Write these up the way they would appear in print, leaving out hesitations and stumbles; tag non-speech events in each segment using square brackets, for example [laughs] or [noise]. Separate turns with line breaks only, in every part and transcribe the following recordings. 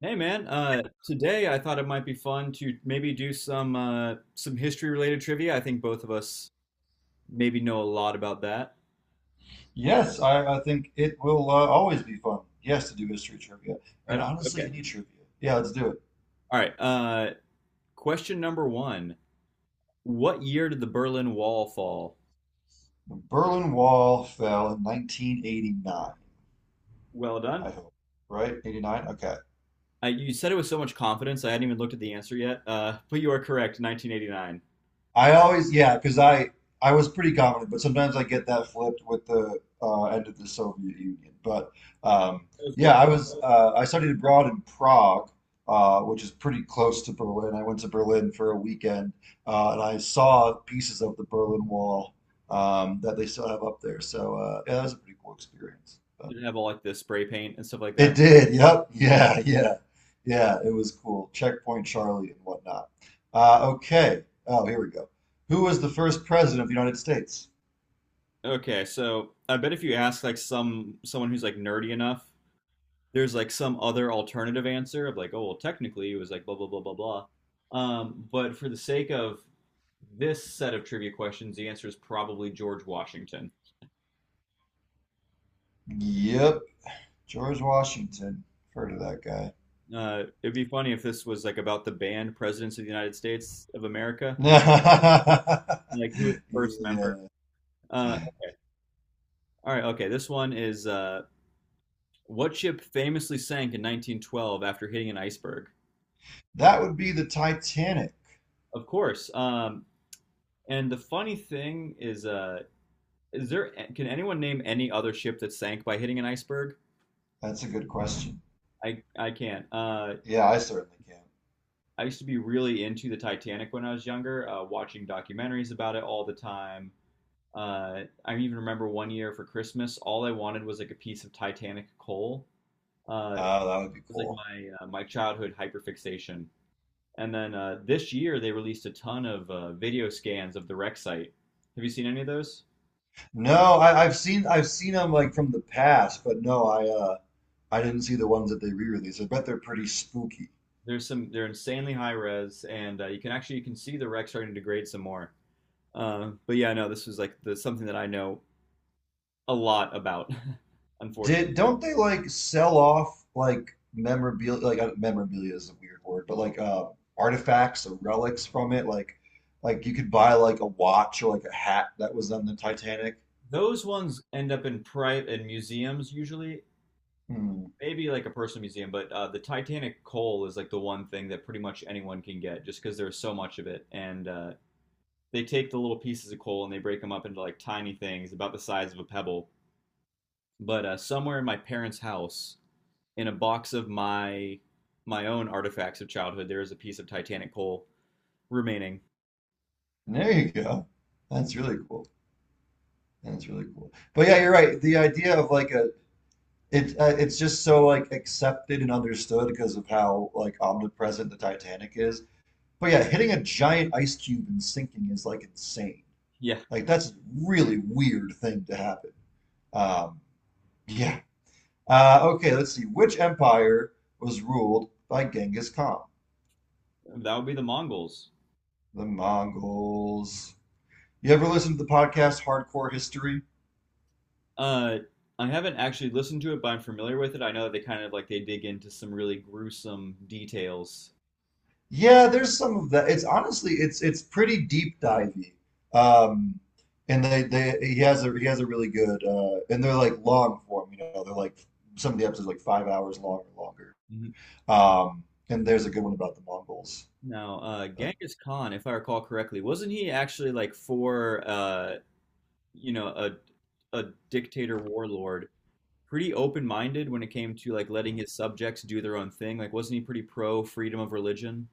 Hey man, today I thought it might be fun to maybe do some history related trivia. I think both of us maybe know a lot about that.
Yes, I think it will always be fun. Yes, to do history trivia
Right
and
on.
honestly,
Okay.
any trivia. Yeah, let's do it.
All right. Question number one. What year did the Berlin Wall fall?
Berlin Wall fell in 1989,
Well done.
I hope. Right? 89? Okay.
You said it with so much confidence. I hadn't even looked at the answer yet. But you are correct. 1989.
I always, yeah, because I was pretty confident, but sometimes I get that flipped with the end of the Soviet Union. But um,
It was
yeah,
what?
I was I studied abroad in Prague, which is pretty close to Berlin. I went to Berlin for a weekend, and I saw pieces of the Berlin Wall that they still have up there. So yeah, that was a pretty cool experience.
Did it have all like the spray paint and stuff like that?
It did. Yep. Yeah. Yeah. Yeah. It was cool. Checkpoint Charlie and whatnot. Okay. Oh, here we go. Who was the first president of the United States?
Okay, so I bet if you ask like someone who's like nerdy enough, there's like some other alternative answer of like, oh, well, technically it was like blah, blah, blah, blah, blah. But for the sake of this set of trivia questions, the answer is probably George Washington.
Yep. George Washington. Heard of that guy.
It'd be funny if this was like about the band presidents of the United States of America,
[laughs]
like who was the first member.
Yeah.
Uh, all right, okay. This one is what ship famously sank in 1912 after hitting an iceberg?
That would be the Titanic.
Of course. And the funny thing is, is there? Can anyone name any other ship that sank by hitting an iceberg?
That's a good question.
I can't.
Yeah, I certainly can.
I used to be really into the Titanic when I was younger, watching documentaries about it all the time. I even remember one year for Christmas, all I wanted was like a piece of Titanic coal. Uh,
Oh,
it
that would be
was like
cool.
my uh, my childhood hyperfixation. And then this year they released a ton of video scans of the wreck site. Have you seen any of those?
No, I've seen them like from the past, but no, I didn't see the ones that they re-released. I bet they're pretty spooky.
There's some. They're insanely high res, and you can see the wreck starting to degrade some more. But yeah, no, this was like the something that I know a lot about, [laughs] unfortunately.
Did don't they like sell off like memorabilia? Like memorabilia is a weird word, but like artifacts or relics from it. Like you could buy like a watch or like a hat that was on the Titanic.
Those ones end up in private in museums usually,
Hmm.
maybe like a personal museum, but the Titanic coal is like the one thing that pretty much anyone can get just because there's so much of it. And they take the little pieces of coal and they break them up into like tiny things about the size of a pebble. But somewhere in my parents' house, in a box of my own artifacts of childhood, there is a piece of Titanic coal remaining.
There you go. That's really cool. That's really cool. But yeah, you're right. The idea of like a it It's just so like accepted and understood because of how like omnipresent the Titanic is. But yeah, hitting a giant ice cube and sinking is like insane.
Yeah,
Like that's a really weird thing to happen. Um, yeah. Okay, let's see. Which empire was ruled by Genghis Khan?
that would be the Mongols.
The Mongols. You ever listen to the podcast Hardcore History?
Uh, I haven't actually listened to it, but I'm familiar with it. I know that they kind of like they dig into some really gruesome details.
Yeah, there's some of that. It's honestly, it's pretty deep divey. Um, and they he has a really good and they're like long form. You know, they're like some of the episodes are like 5 hours long or longer.
Mhm.
Um, and there's a good one about the Mongols.
Now,
Uh,
Genghis Khan, if I recall correctly, wasn't he actually like for you know, a a dictator warlord, pretty open-minded when it came to like letting his subjects do their own thing? Like, wasn't he pretty pro freedom of religion?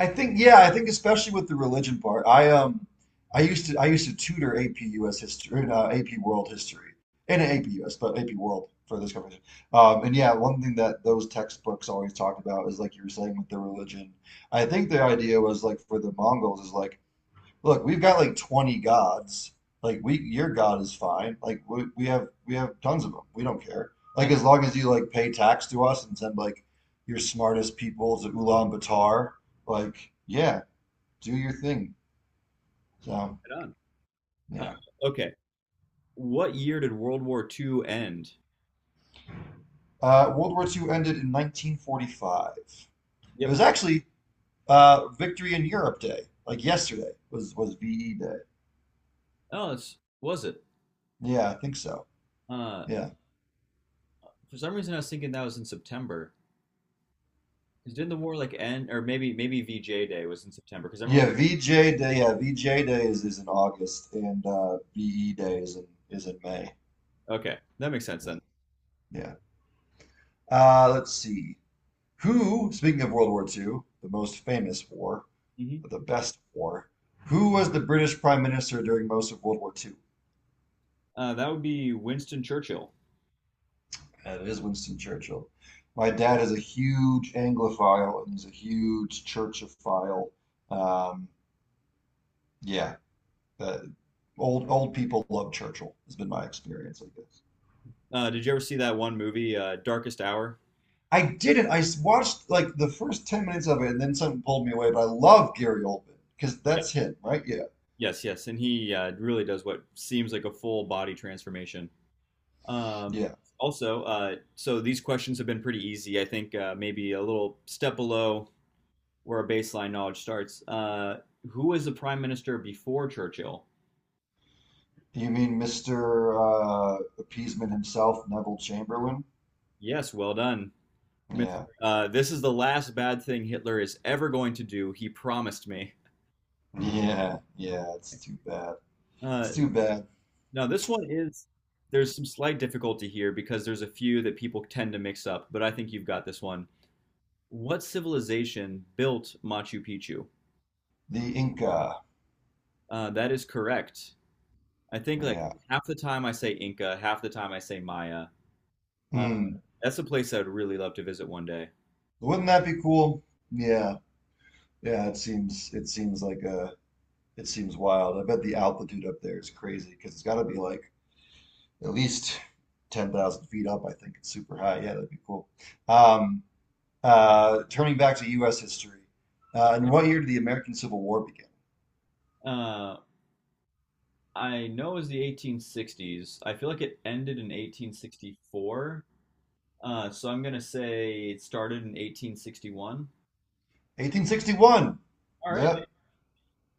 I think yeah, I think especially with the religion part. I used to tutor AP US history, AP World history, and AP US, but AP World for this conversation. And yeah, one thing that those textbooks always talked about is like you were saying with the religion. I think the idea was like for the Mongols is like look, we've got like 20 gods. Your God is fine. We have tons of them. We don't care. Like
Not
as long as you like pay tax to us and send like your smartest people to Ulaanbaatar, like yeah, do your thing. So
right on.
yeah,
Uh, okay. What year did World War Two end?
World War Two ended in 1945. It
Yep.
was actually Victory in Europe Day, like yesterday was VE Day.
Oh, it's, was it?
Yeah, I think so.
Uh,
Yeah.
For some reason, I was thinking that was in September. 'Cause didn't the war like end, or maybe VJ Day was in September? Because I remember.
Yeah, VJ Day. Yeah, VJ Day is in August, and BE Day is in May.
Okay, that makes sense
Yeah,
then.
yeah. Let's see. Who, speaking of World War Two, the most famous war,
Hmm.
the best war, who was the British Prime Minister during most of World War Two?
That would be Winston Churchill.
And it is Winston Churchill. My dad is a huge Anglophile and he's a huge Churchophile. Um, yeah, uh, old people love Churchill. Has been my experience, I guess.
Did you ever see that one movie, Darkest Hour?
I didn't. I watched like the first 10 minutes of it and then something pulled me away, but I love Gary Oldman because
Yeah.
that's him, right? Yeah.
Yes, yes, and he really does what seems like a full body transformation. Um,
Yeah.
also, so these questions have been pretty easy. I think maybe a little step below where our baseline knowledge starts. Who was the prime minister before Churchill?
You mean Mr. Appeasement himself, Neville Chamberlain?
Yes, well done. Mr.
Yeah.
This is the last bad thing Hitler is ever going to do. He promised me.
Yeah. Yeah. It's too bad.
Uh,
It's too bad.
now, this one is, there's some slight difficulty here because there's a few that people tend to mix up, but I think you've got this one. What civilization built Machu Picchu?
The Inca.
That is correct. I think like
Yeah.
half the time I say Inca, half the time I say Maya. Uh,
Hmm.
that's a place I'd really love to visit one day.
Wouldn't that be cool? Yeah. Yeah. It seems wild. I bet the altitude up there is crazy because it's got to be like at least 10,000 feet up. I think it's super high. Yeah, that'd be cool. Um, Turning back to U.S. history, in what year did the American Civil War begin?
Uh, I know it was the 1860s. I feel like it ended in 1864. So I'm gonna say it started in 1861.
1861.
All right.
Yep,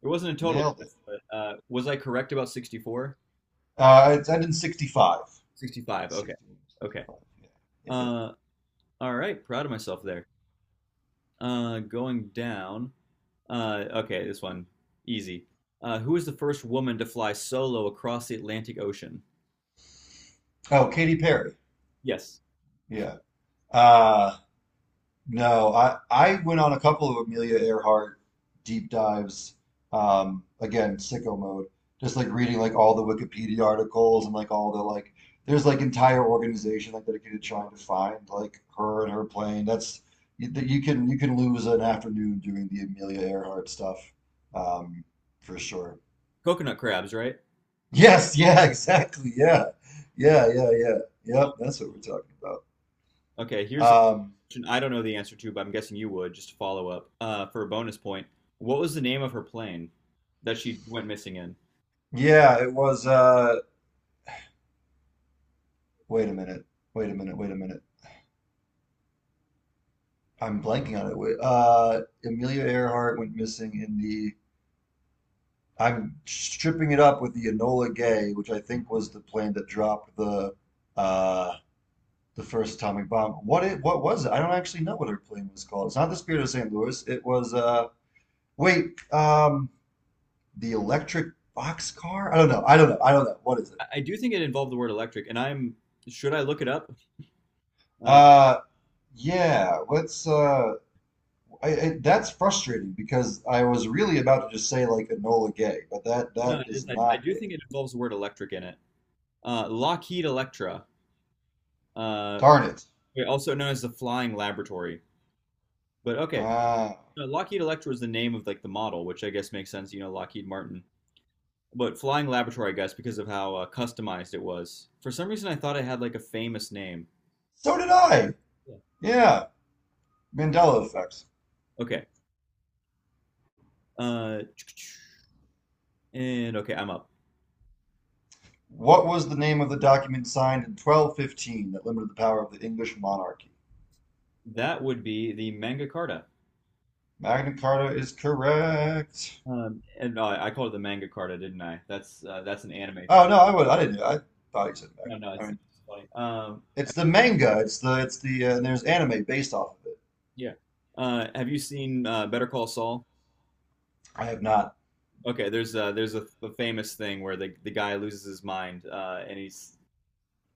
It wasn't a total
nailed it.
guess, but was I correct about 64?
It ended in 65.
65. Okay. Okay.
65. Yeah,
Uh, all right. Proud of myself there. Going down. Okay, this one easy. Who was the first woman to fly solo across the Atlantic Ocean?
yeah. Oh, Katy Perry.
Yes.
Yeah. Uh, no, I went on a couple of Amelia Earhart deep dives. Again, sicko mode. Just like reading like all the Wikipedia articles and like all the like. There's like entire organization like dedicated to trying to find like her and her plane. That you can lose an afternoon doing the Amelia Earhart stuff, um, for sure.
Coconut crabs, right?
Yes, yeah, [laughs] exactly. Yeah. Yeah, yeah, yeah. Yep, that's what we're talking about.
Okay, here's a
Um,
question I don't know the answer to, but I'm guessing you would, just to follow up, for a bonus point. What was the name of her plane that she went missing in?
yeah, it was wait a minute. Wait a minute. Wait a minute. I'm blanking on it. Wait, Amelia Earhart went missing in the. I'm stripping it up with the Enola Gay, which I think was the plane that dropped uh, the first atomic bomb. What it? What was it? I don't actually know what her plane was called. It's not the Spirit of St. Louis. It was. Wait. The Electric Boxcar. I don't know. I don't know. I don't know. What is it?
Do think it involved the word electric, and I'm should I look it up? Uh,
Uh, yeah. I that's frustrating because I was really about to just say like Enola Gay, but that
no,
that
it is.
is
I
not
do think
it.
it involves the word electric in it. Lockheed Electra, uh,
Darn it.
also known as the Flying Laboratory. But okay,
Ah,
no, Lockheed Electra is the name of like the model, which I guess makes sense. You know, Lockheed Martin. But Flying Laboratory, I guess, because of how customized it was. For some reason, I thought it had like a famous name.
so did I.
Yeah.
Yeah, Mandela effect.
Okay. Uh, and okay, I'm up.
What was the name of the document signed in 1215 that limited the power of the English monarchy?
That would be the Mangakata.
Magna Carta is correct.
And I called it the manga carta, didn't I? That's an anime thing.
Oh no, I would I didn't I thought you said
No,
Magna.
no,
I mean,
it's funny.
it's the manga. It's the and there's anime based off of it.
Yeah. Have you seen Better Call Saul?
I have not.
Okay, there's a famous thing where the guy loses his mind, and he's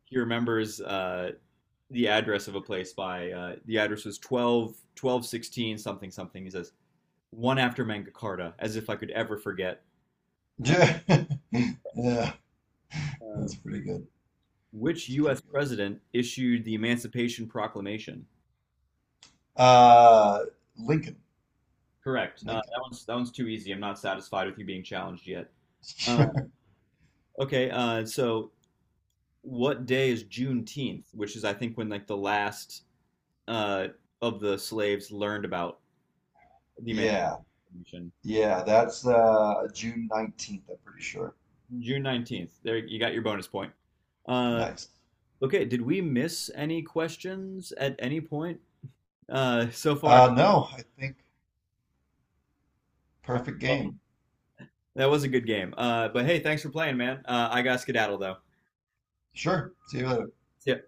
he remembers the address of a place by the address was 12, 1216 something something. He says one after manga carta, as if I could ever forget.
[laughs] Yeah, yeah,
Uh,
that's pretty good.
which
That's pretty
U.S.
good.
president issued the Emancipation Proclamation?
Uh, Lincoln,
Correct.
Lincoln.
That one's too easy. I'm not satisfied with you being challenged yet. Uh,
[laughs]
okay. So what day is Juneteenth, which is I think when like the last uh, of the slaves learned about the
Yeah,
Emancipation.
yeah, that's June 19th, I'm pretty sure.
June 19th. There, you got your bonus point. Uh,
Nice.
okay. Did we miss any questions at any point so far?
No, I think
All right,
perfect
well,
game.
that was a good game. But hey, thanks for playing, man. I got skedaddle though.
Sure. See you later.
See ya.